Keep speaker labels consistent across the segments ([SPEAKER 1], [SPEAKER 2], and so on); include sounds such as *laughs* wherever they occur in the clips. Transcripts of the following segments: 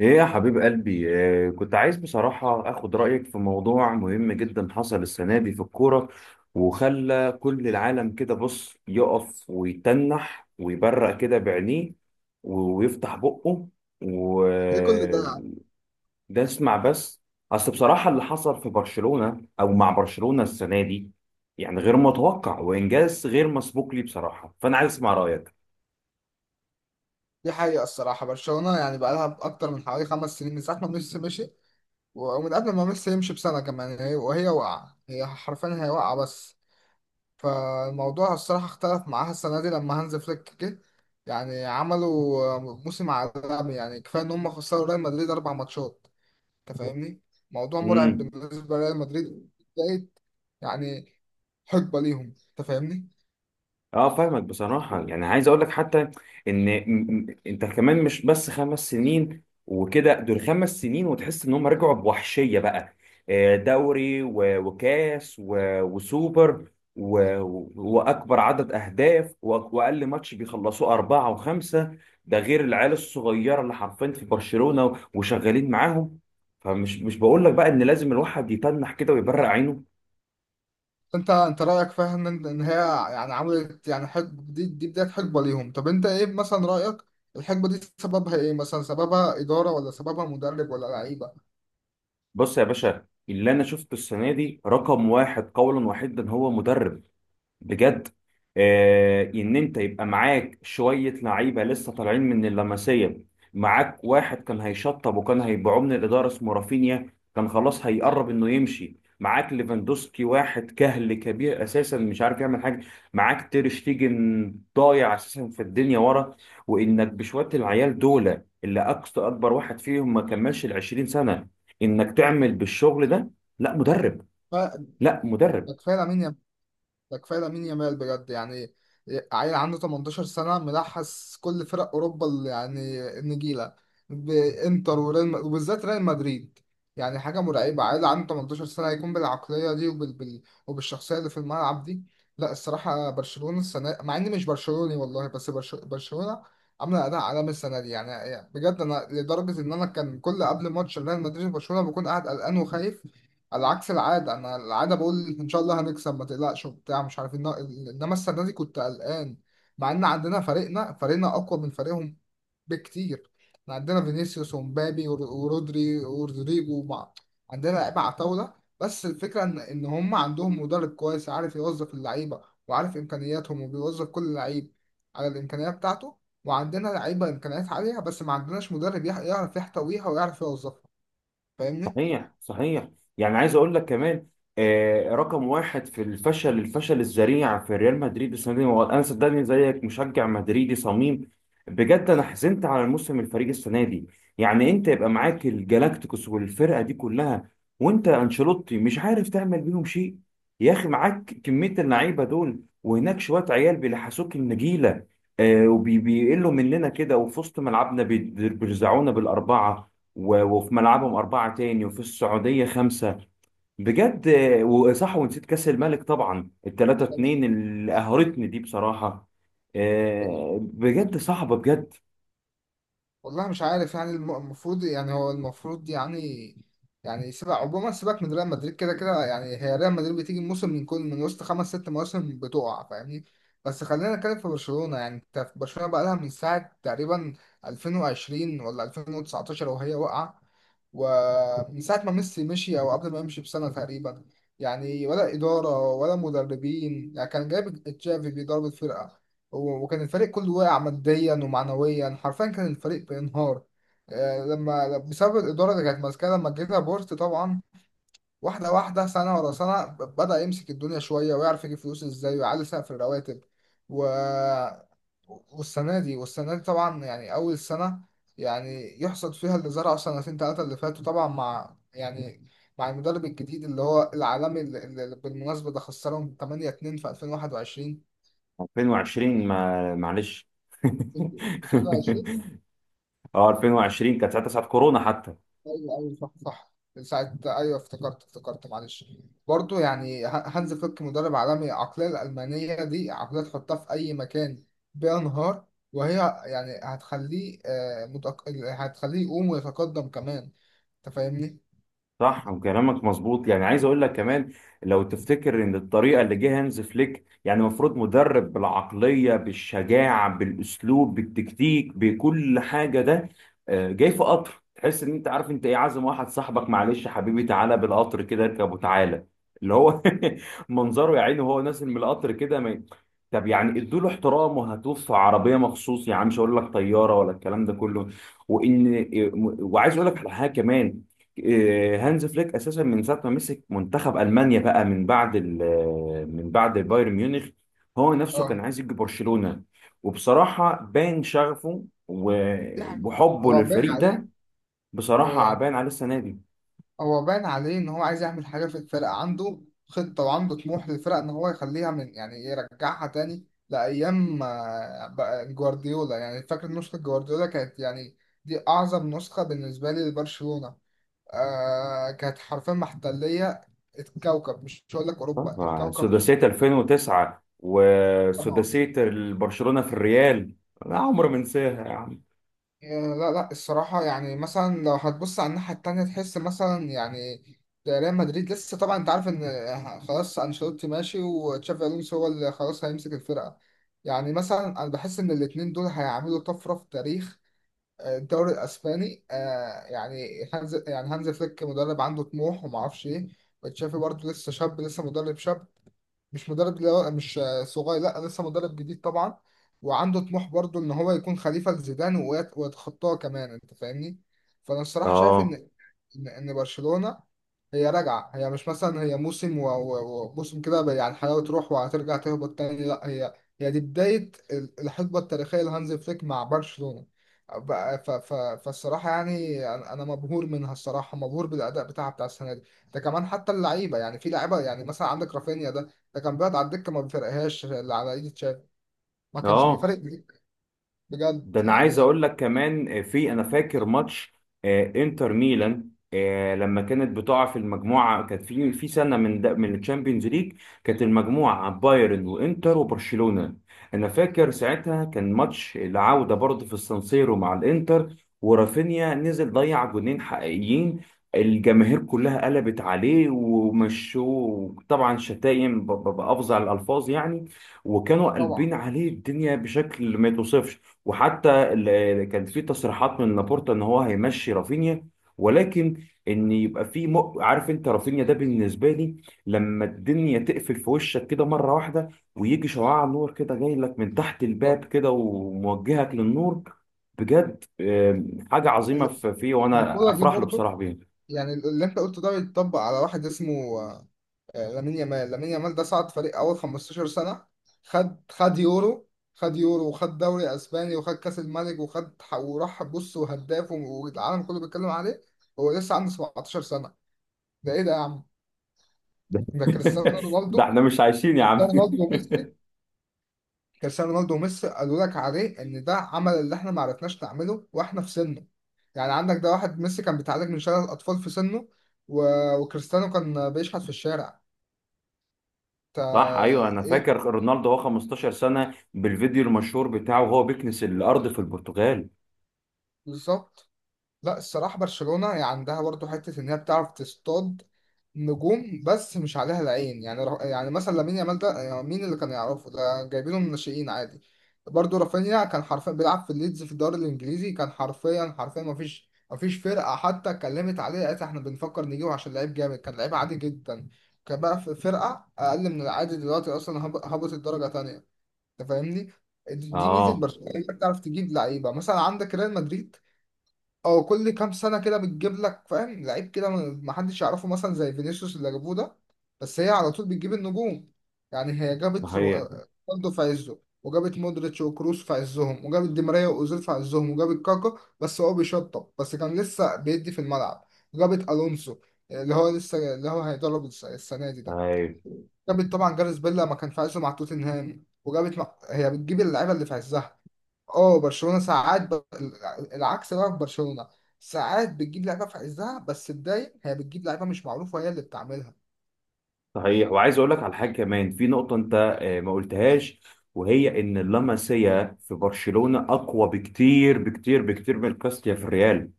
[SPEAKER 1] ايه يا حبيب قلبي؟ كنت عايز بصراحة اخد رأيك في موضوع مهم جدا حصل السنة دي في الكورة. وخلى كل العالم كده بص يقف ويتنح ويبرق كده بعينيه و- ويفتح بقه.
[SPEAKER 2] ايه كل ده؟
[SPEAKER 1] وده اسمع بس. اصل بصراحة اللي حصل في برشلونة او مع برشلونة السنة دي يعني غير متوقع وانجاز غير مسبوق لي بصراحة، فانا عايز اسمع
[SPEAKER 2] دي حقيقة، الصراحة برشلونة يعني بقى لها أكتر من حوالي 5 سنين من ساعة ما ميسي مشي، ومن قبل ما ميسي يمشي بسنة كمان هي وهي واقعة، هي حرفيا هي واقعة بس. فالموضوع الصراحة اختلف معاها السنة دي لما هانز فليك جه. يعني عملوا موسم عالمي، يعني كفاية إن هم خسروا ريال مدريد 4 ماتشات. أنت فاهمني؟ موضوع مرعب
[SPEAKER 1] رأيك.
[SPEAKER 2] بالنسبة لريال مدريد. بقيت يعني حقبة ليهم، أنت فاهمني؟
[SPEAKER 1] اه، فاهمك بصراحة، يعني عايز اقول لك حتى ان انت كمان مش بس 5 سنين وكده، دول 5 سنين وتحس ان هم رجعوا بوحشية بقى. دوري و- وكاس و- وسوبر و- و- واكبر عدد اهداف و- واقل ماتش بيخلصوه اربعة وخمسة. ده غير العيال الصغيرة اللي حرفيا في برشلونة وشغالين معاهم. فمش مش بقول لك بقى ان لازم الواحد يتنح كده ويبرق عينه.
[SPEAKER 2] انت رايك فاهم ان هي يعني عملت، يعني حقبه، دي بدايه حقبه ليهم. طب انت ايه مثلا رايك الحقبه دي سببها ايه؟ مثلا سببها اداره ولا سببها مدرب ولا لعيبه؟
[SPEAKER 1] بص يا باشا، اللي انا شفته السنه دي رقم واحد قولا واحدا هو مدرب. بجد. ان انت يبقى معاك شويه لعيبه لسه طالعين من اللمسيه. معاك واحد كان هيشطب وكان هيبيعوه من الاداره اسمه رافينيا، كان خلاص هيقرب انه يمشي. معاك ليفاندوسكي واحد كهل كبير اساسا مش عارف يعمل حاجه. معاك تير شتيجن ضايع اساسا في الدنيا ورا. وانك بشويه العيال دول اللي اقصى اكبر واحد فيهم ما كملش ال 20 سنه، انك تعمل بالشغل ده، لا مدرب، لا مدرب.
[SPEAKER 2] فكفايه لامين، ده كفايه لامين يامال بجد يعني. عيل عنده 18 سنه ملحس كل فرق اوروبا اللي يعني النجيله، بانتر وريال وبالذات ريال مدريد. يعني حاجه مرعبه، عيل عنده 18 سنه يكون بالعقليه دي وبالشخصيه اللي في الملعب دي. لا الصراحه برشلونه السنه، مع اني مش برشلوني والله، بس برشلونه عامله اداء عالمي السنه دي يعني بجد. انا لدرجه ان انا كان كل قبل ماتش ريال مدريد وبرشلونه بكون قاعد قلقان وخايف، على عكس العادة. أنا العادة بقول إن شاء الله هنكسب ما تقلقش وبتاع، مش عارف إنما السنة دي كنت قلقان، مع إن عندنا فريقنا أقوى من فريقهم بكتير. إحنا عندنا فينيسيوس ومبابي ورودري ورودريجو عندنا لعيبة على طاولة. بس الفكرة إن هم عندهم مدرب كويس عارف يوظف اللعيبة، وعارف إمكانياتهم وبيوظف كل لعيب على الإمكانية بتاعته. وعندنا لعيبة إمكانيات عالية بس ما عندناش مدرب يعرف يحتويها ويعرف يوظفها. فاهمني؟
[SPEAKER 1] صحيح، صحيح. يعني عايز اقول لك كمان، رقم واحد في الفشل الذريع في ريال مدريد السنه دي هو، انا صدقني زيك مشجع مدريدي صميم. بجد انا حزنت على الموسم، الفريق السنه دي. يعني انت يبقى معاك الجالاكتيكوس والفرقه دي كلها، وانت انشيلوتي مش عارف تعمل بيهم شيء. يا اخي معاك كميه اللعيبه دول وهناك شويه عيال بيلحسوك النجيله، وبيقلوا مننا كده، وفي وسط ملعبنا بيرزعونا بالاربعه، و- وفي ملعبهم أربعة تاني، وفي السعودية خمسة. بجد، وصح، ونسيت كأس الملك طبعا، 3-2 اللي قهرتني دي بصراحة.
[SPEAKER 2] تمام.
[SPEAKER 1] بجد صعبة بجد.
[SPEAKER 2] والله مش عارف يعني، المفروض يعني، هو المفروض يعني، يعني سيبك عموما، سيبك من ريال مدريد كده كده. يعني هي ريال مدريد بتيجي موسم من كل من وسط خمس ست مواسم بتقع، فاهمني؟ بس خلينا نتكلم في برشلونة. يعني انت في برشلونة بقى لها من ساعة تقريبا 2020 ولا 2019 وهي واقعة، ومن ساعة ما ميسي مشي أو قبل ما يمشي بسنة تقريبا. يعني ولا إدارة ولا مدربين، يعني كان جايب تشافي بيدرب الفرقة، وكان الفريق كله واقع ماديا ومعنويا، حرفيا كان الفريق بينهار، آه، لما بسبب الإدارة اللي كانت ماسكاها. لما جه بورت طبعا، واحدة واحدة، سنة ورا سنة، بدأ يمسك الدنيا شوية ويعرف يجيب فلوس ازاي ويعلي سقف الرواتب و... والسنة دي، والسنة دي طبعا يعني أول سنة يعني يحصد فيها اللي زرعه سنتين تلاتة اللي فاتوا، طبعا مع يعني، مع المدرب الجديد اللي هو العالمي، اللي بالمناسبة ده خسرهم 8-2 في
[SPEAKER 1] 2020، ما معلش. *laughs*
[SPEAKER 2] 2021.
[SPEAKER 1] اه، 2020 كانت ساعتها ساعة كورونا حتى.
[SPEAKER 2] ايوه ايوه، صح صح، ساعة. ايوه افتكرت، معلش. برضو يعني هانز فليك مدرب عالمي، العقلية الألمانية دي عقلية تحطها في أي مكان بينهار وهي، يعني هتخليه، آه، هتخليه يقوم ويتقدم كمان، أنت فاهمني؟
[SPEAKER 1] صح، وكلامك مظبوط، يعني عايز اقول لك كمان، لو تفتكر ان الطريقه اللي جه هانز فليك، يعني المفروض مدرب بالعقليه بالشجاعه بالاسلوب بالتكتيك بكل حاجه ده. جاي في قطر، تحس ان انت عارف انت ايه، عازم واحد صاحبك، معلش حبيبي تعالى بالقطر كده، اركب وتعالى. اللي هو *laughs* منظره يا عيني وهو نازل من القطر كده ما ي- طب يعني ادوا له احترام وهاتوه في عربيه مخصوص، يعني مش هقول لك طياره ولا الكلام ده كله. وان وعايز اقول لك على حاجه كمان. هانز فليك اساسا من ساعه ما مسك منتخب المانيا بقى، من بعد بايرن ميونخ، هو نفسه كان
[SPEAKER 2] اه،
[SPEAKER 1] عايز يجي برشلونه. وبصراحه باين شغفه و-
[SPEAKER 2] دي حقيقة
[SPEAKER 1] وحبه
[SPEAKER 2] هو باين
[SPEAKER 1] للفريق
[SPEAKER 2] عليه.
[SPEAKER 1] ده.
[SPEAKER 2] هو
[SPEAKER 1] بصراحه
[SPEAKER 2] يعني
[SPEAKER 1] باين عليه السنه دي.
[SPEAKER 2] هو باين عليه ان هو عايز يعمل حاجه في الفرقه، عنده خطه وعنده طموح للفرقه ان هو يخليها من، يعني يرجعها تاني لايام، آه، بقى جوارديولا. يعني فاكر نسخه جوارديولا كانت يعني دي اعظم نسخه بالنسبه لي لبرشلونه. آه، كانت حرفيا محتليه الكوكب، مش هقول لك اوروبا،
[SPEAKER 1] طبعا
[SPEAKER 2] الكوكب
[SPEAKER 1] سداسيه 2009
[SPEAKER 2] كله.
[SPEAKER 1] وسداسيه برشلونه في الريال. لا عمر ما انساها يا عم.
[SPEAKER 2] آه، لا لا، الصراحة يعني مثلا لو هتبص على الناحية التانية تحس مثلا يعني ريال مدريد لسه، طبعا انت عارف ان خلاص انشيلوتي ماشي، وتشافي الونسو هو اللي خلاص هيمسك الفرقة. يعني مثلا انا بحس ان الاتنين دول هيعملوا طفرة في تاريخ، آه، الدوري الاسباني. آه، يعني هانز فليك مدرب عنده طموح وما اعرفش ايه، وتشافي برضه لسه شاب، لسه مدرب شاب، مش مدرب اللي هو مش صغير، لا لسه مدرب جديد طبعا، وعنده طموح برضو ان هو يكون خليفة لزيدان ويتخطاه كمان، انت فاهمني. فانا الصراحة شايف
[SPEAKER 1] اه،
[SPEAKER 2] ان، إن برشلونه هي راجعه، هي مش مثلا هي موسم وموسم كده بقى يعني الحلاوه تروح وهترجع تهبط تاني، لا هي، هي دي بدايه الحقبه التاريخيه لهانز فليك مع برشلونه. بقى ف ف فالصراحه يعني أنا مبهور منها، الصراحه مبهور بالاداء بتاعها بتاع السنه دي. ده كمان حتى اللعيبه يعني، في لعيبه يعني مثلا عندك رافينيا ده، ده كان بيقعد على الدكه ما بيفرقهاش اللي على ايد تشافي، ما كانش
[SPEAKER 1] اه.
[SPEAKER 2] بيفرق بجد
[SPEAKER 1] ده انا عايز
[SPEAKER 2] يعني.
[SPEAKER 1] اقول لك كمان، انا فاكر ماتش انتر ميلان. لما كانت بتقع في المجموعه، كانت في سنه من ده من الشامبيونز ليج، كانت المجموعه بايرن وانتر وبرشلونه. انا فاكر ساعتها كان ماتش العوده برضه في السانسيرو مع الانتر، ورافينيا نزل ضيع جونين حقيقيين. الجماهير كلها قلبت عليه، ومشوه طبعا شتايم بافظع الالفاظ يعني، وكانوا
[SPEAKER 2] طبعا
[SPEAKER 1] قلبين عليه الدنيا بشكل ما يتوصفش. وحتى كان في تصريحات من لابورتا ان هو هيمشي رافينيا، ولكن ان يبقى في عارف انت، رافينيا ده بالنسبه لي لما الدنيا تقفل في وشك كده مره واحده، ويجي شعاع نور كده جاي لك من تحت الباب كده وموجهك للنور، بجد حاجه عظيمه فيه، وانا
[SPEAKER 2] الكوره دي
[SPEAKER 1] افرح له
[SPEAKER 2] برضه
[SPEAKER 1] بصراحه بيه.
[SPEAKER 2] يعني اللي انت قلته ده بيتطبق على واحد اسمه، آه، لامين يامال. لامين يامال ده صعد فريق اول 15 سنة، خد يورو، خد يورو وخد دوري اسباني وخد كاس الملك وخد وراح بص، وهداف والعالم كله بيتكلم عليه. هو لسه عنده 17 سنة! ده ايه ده يا عم؟
[SPEAKER 1] ده
[SPEAKER 2] ده كريستيانو
[SPEAKER 1] *laughs*
[SPEAKER 2] رونالدو،
[SPEAKER 1] ده احنا مش عايشين يا عم.
[SPEAKER 2] كريستيانو رونالدو وميسي. كريستيانو رونالدو وميسي قالوا لك عليه ان ده عمل اللي احنا ما عرفناش نعمله واحنا في سنه. يعني عندك ده، واحد ميسي كان بيتعالج من شلل الاطفال في سنه و... وكريستيانو كان بيشحت في الشارع.
[SPEAKER 1] صح، ايوه، انا فاكر
[SPEAKER 2] ايه،
[SPEAKER 1] رونالدو هو 15 سنه بالفيديو المشهور بتاعه وهو بيكنس الارض في البرتغال.
[SPEAKER 2] بالظبط. لا الصراحه برشلونه يعني عندها برضو حته ان هي بتعرف تصطاد نجوم بس مش عليها العين، يعني يعني مثلا لامين يامال ده يعني مين اللي كان يعرفه؟ ده جايبينه من الناشئين عادي. برضو رافينيا كان حرفيا بيلعب في ليدز في الدوري الانجليزي، كان حرفيا حرفيا ما فيش فرقه حتى اتكلمت عليه قالت احنا بنفكر نجيبه عشان لعيب جامد، كان لعيب عادي جدا، كان بقى في فرقه اقل من العادي دلوقتي اصلا، هبط الدرجه تانية، انت فاهمني. دي ميزه
[SPEAKER 1] اه،
[SPEAKER 2] برشلونه، انت بتعرف تجيب لعيبه. مثلا عندك ريال مدريد او كل كام سنه كده بتجيب لك فاهم لعيب كده ما حدش يعرفه مثلا، زي فينيسيوس اللي جابوه ده، بس هي على طول بتجيب النجوم. يعني هي جابت
[SPEAKER 1] صحيح.
[SPEAKER 2] رونالدو في عزه، وجابت مودريتش وكروس في عزهم، وجابت دي ماريا واوزيل في عزهم، وجابت كاكا بس هو بيشطب، بس كان لسه بيدي في الملعب، وجابت الونسو اللي هو لسه، اللي هو هيدرب السنه دي ده،
[SPEAKER 1] أيوة.
[SPEAKER 2] جابت طبعا جاريث بيل لما كان في عزه مع توتنهام، هي بتجيب اللعيبه اللي في عزها. اه برشلونه ساعات العكس بقى، في برشلونه ساعات بتجيب لعيبه في عزها بس الدايم هي بتجيب لعيبه مش معروفه وهي اللي بتعملها.
[SPEAKER 1] صحيح، وعايز اقول لك على حاجه كمان، في نقطه انت ما قلتهاش، وهي ان اللاماسيا في برشلونه اقوى بكتير بكتير بكتير من كاستيا في الريال.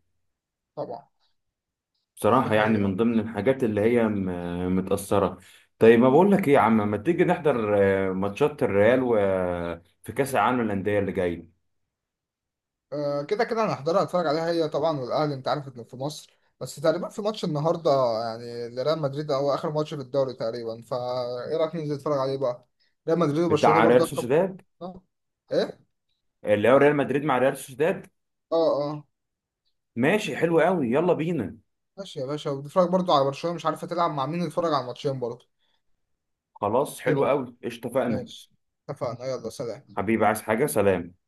[SPEAKER 2] طبعا، دي
[SPEAKER 1] بصراحه يعني
[SPEAKER 2] حقيقه.
[SPEAKER 1] من ضمن الحاجات اللي هي متاثره. طيب، ما بقول لك ايه يا عم، ما تيجي نحضر ماتشات الريال و في كاس العالم للانديه اللي جاي،
[SPEAKER 2] آه، كده كده انا هحضرها اتفرج عليها هي طبعا، والاهلي انت عارف انه في مصر بس. تقريبا في ماتش النهارده يعني لريال مدريد، او اخر ماتش في الدوري تقريبا. فايه رايك ننزل نتفرج عليه بقى؟ ريال مدريد وبرشلونه
[SPEAKER 1] بتاع ريال
[SPEAKER 2] برضه اخر،
[SPEAKER 1] سوسيداد،
[SPEAKER 2] آه. ايه؟
[SPEAKER 1] اللي هو ريال مدريد مع ريال سوسيداد.
[SPEAKER 2] اه اه،
[SPEAKER 1] ماشي، حلو قوي يلا بينا.
[SPEAKER 2] ماشي يا باشا. وبتتفرج برضو على برشلونة مش عارفة تلعب مع مين؟ تتفرج على الماتشين برضو
[SPEAKER 1] خلاص، حلو
[SPEAKER 2] كده؟
[SPEAKER 1] قوي، اتفقنا.
[SPEAKER 2] ماشي، اتفقنا، يلا سلام.
[SPEAKER 1] حبيبي، عايز حاجه؟ سلام.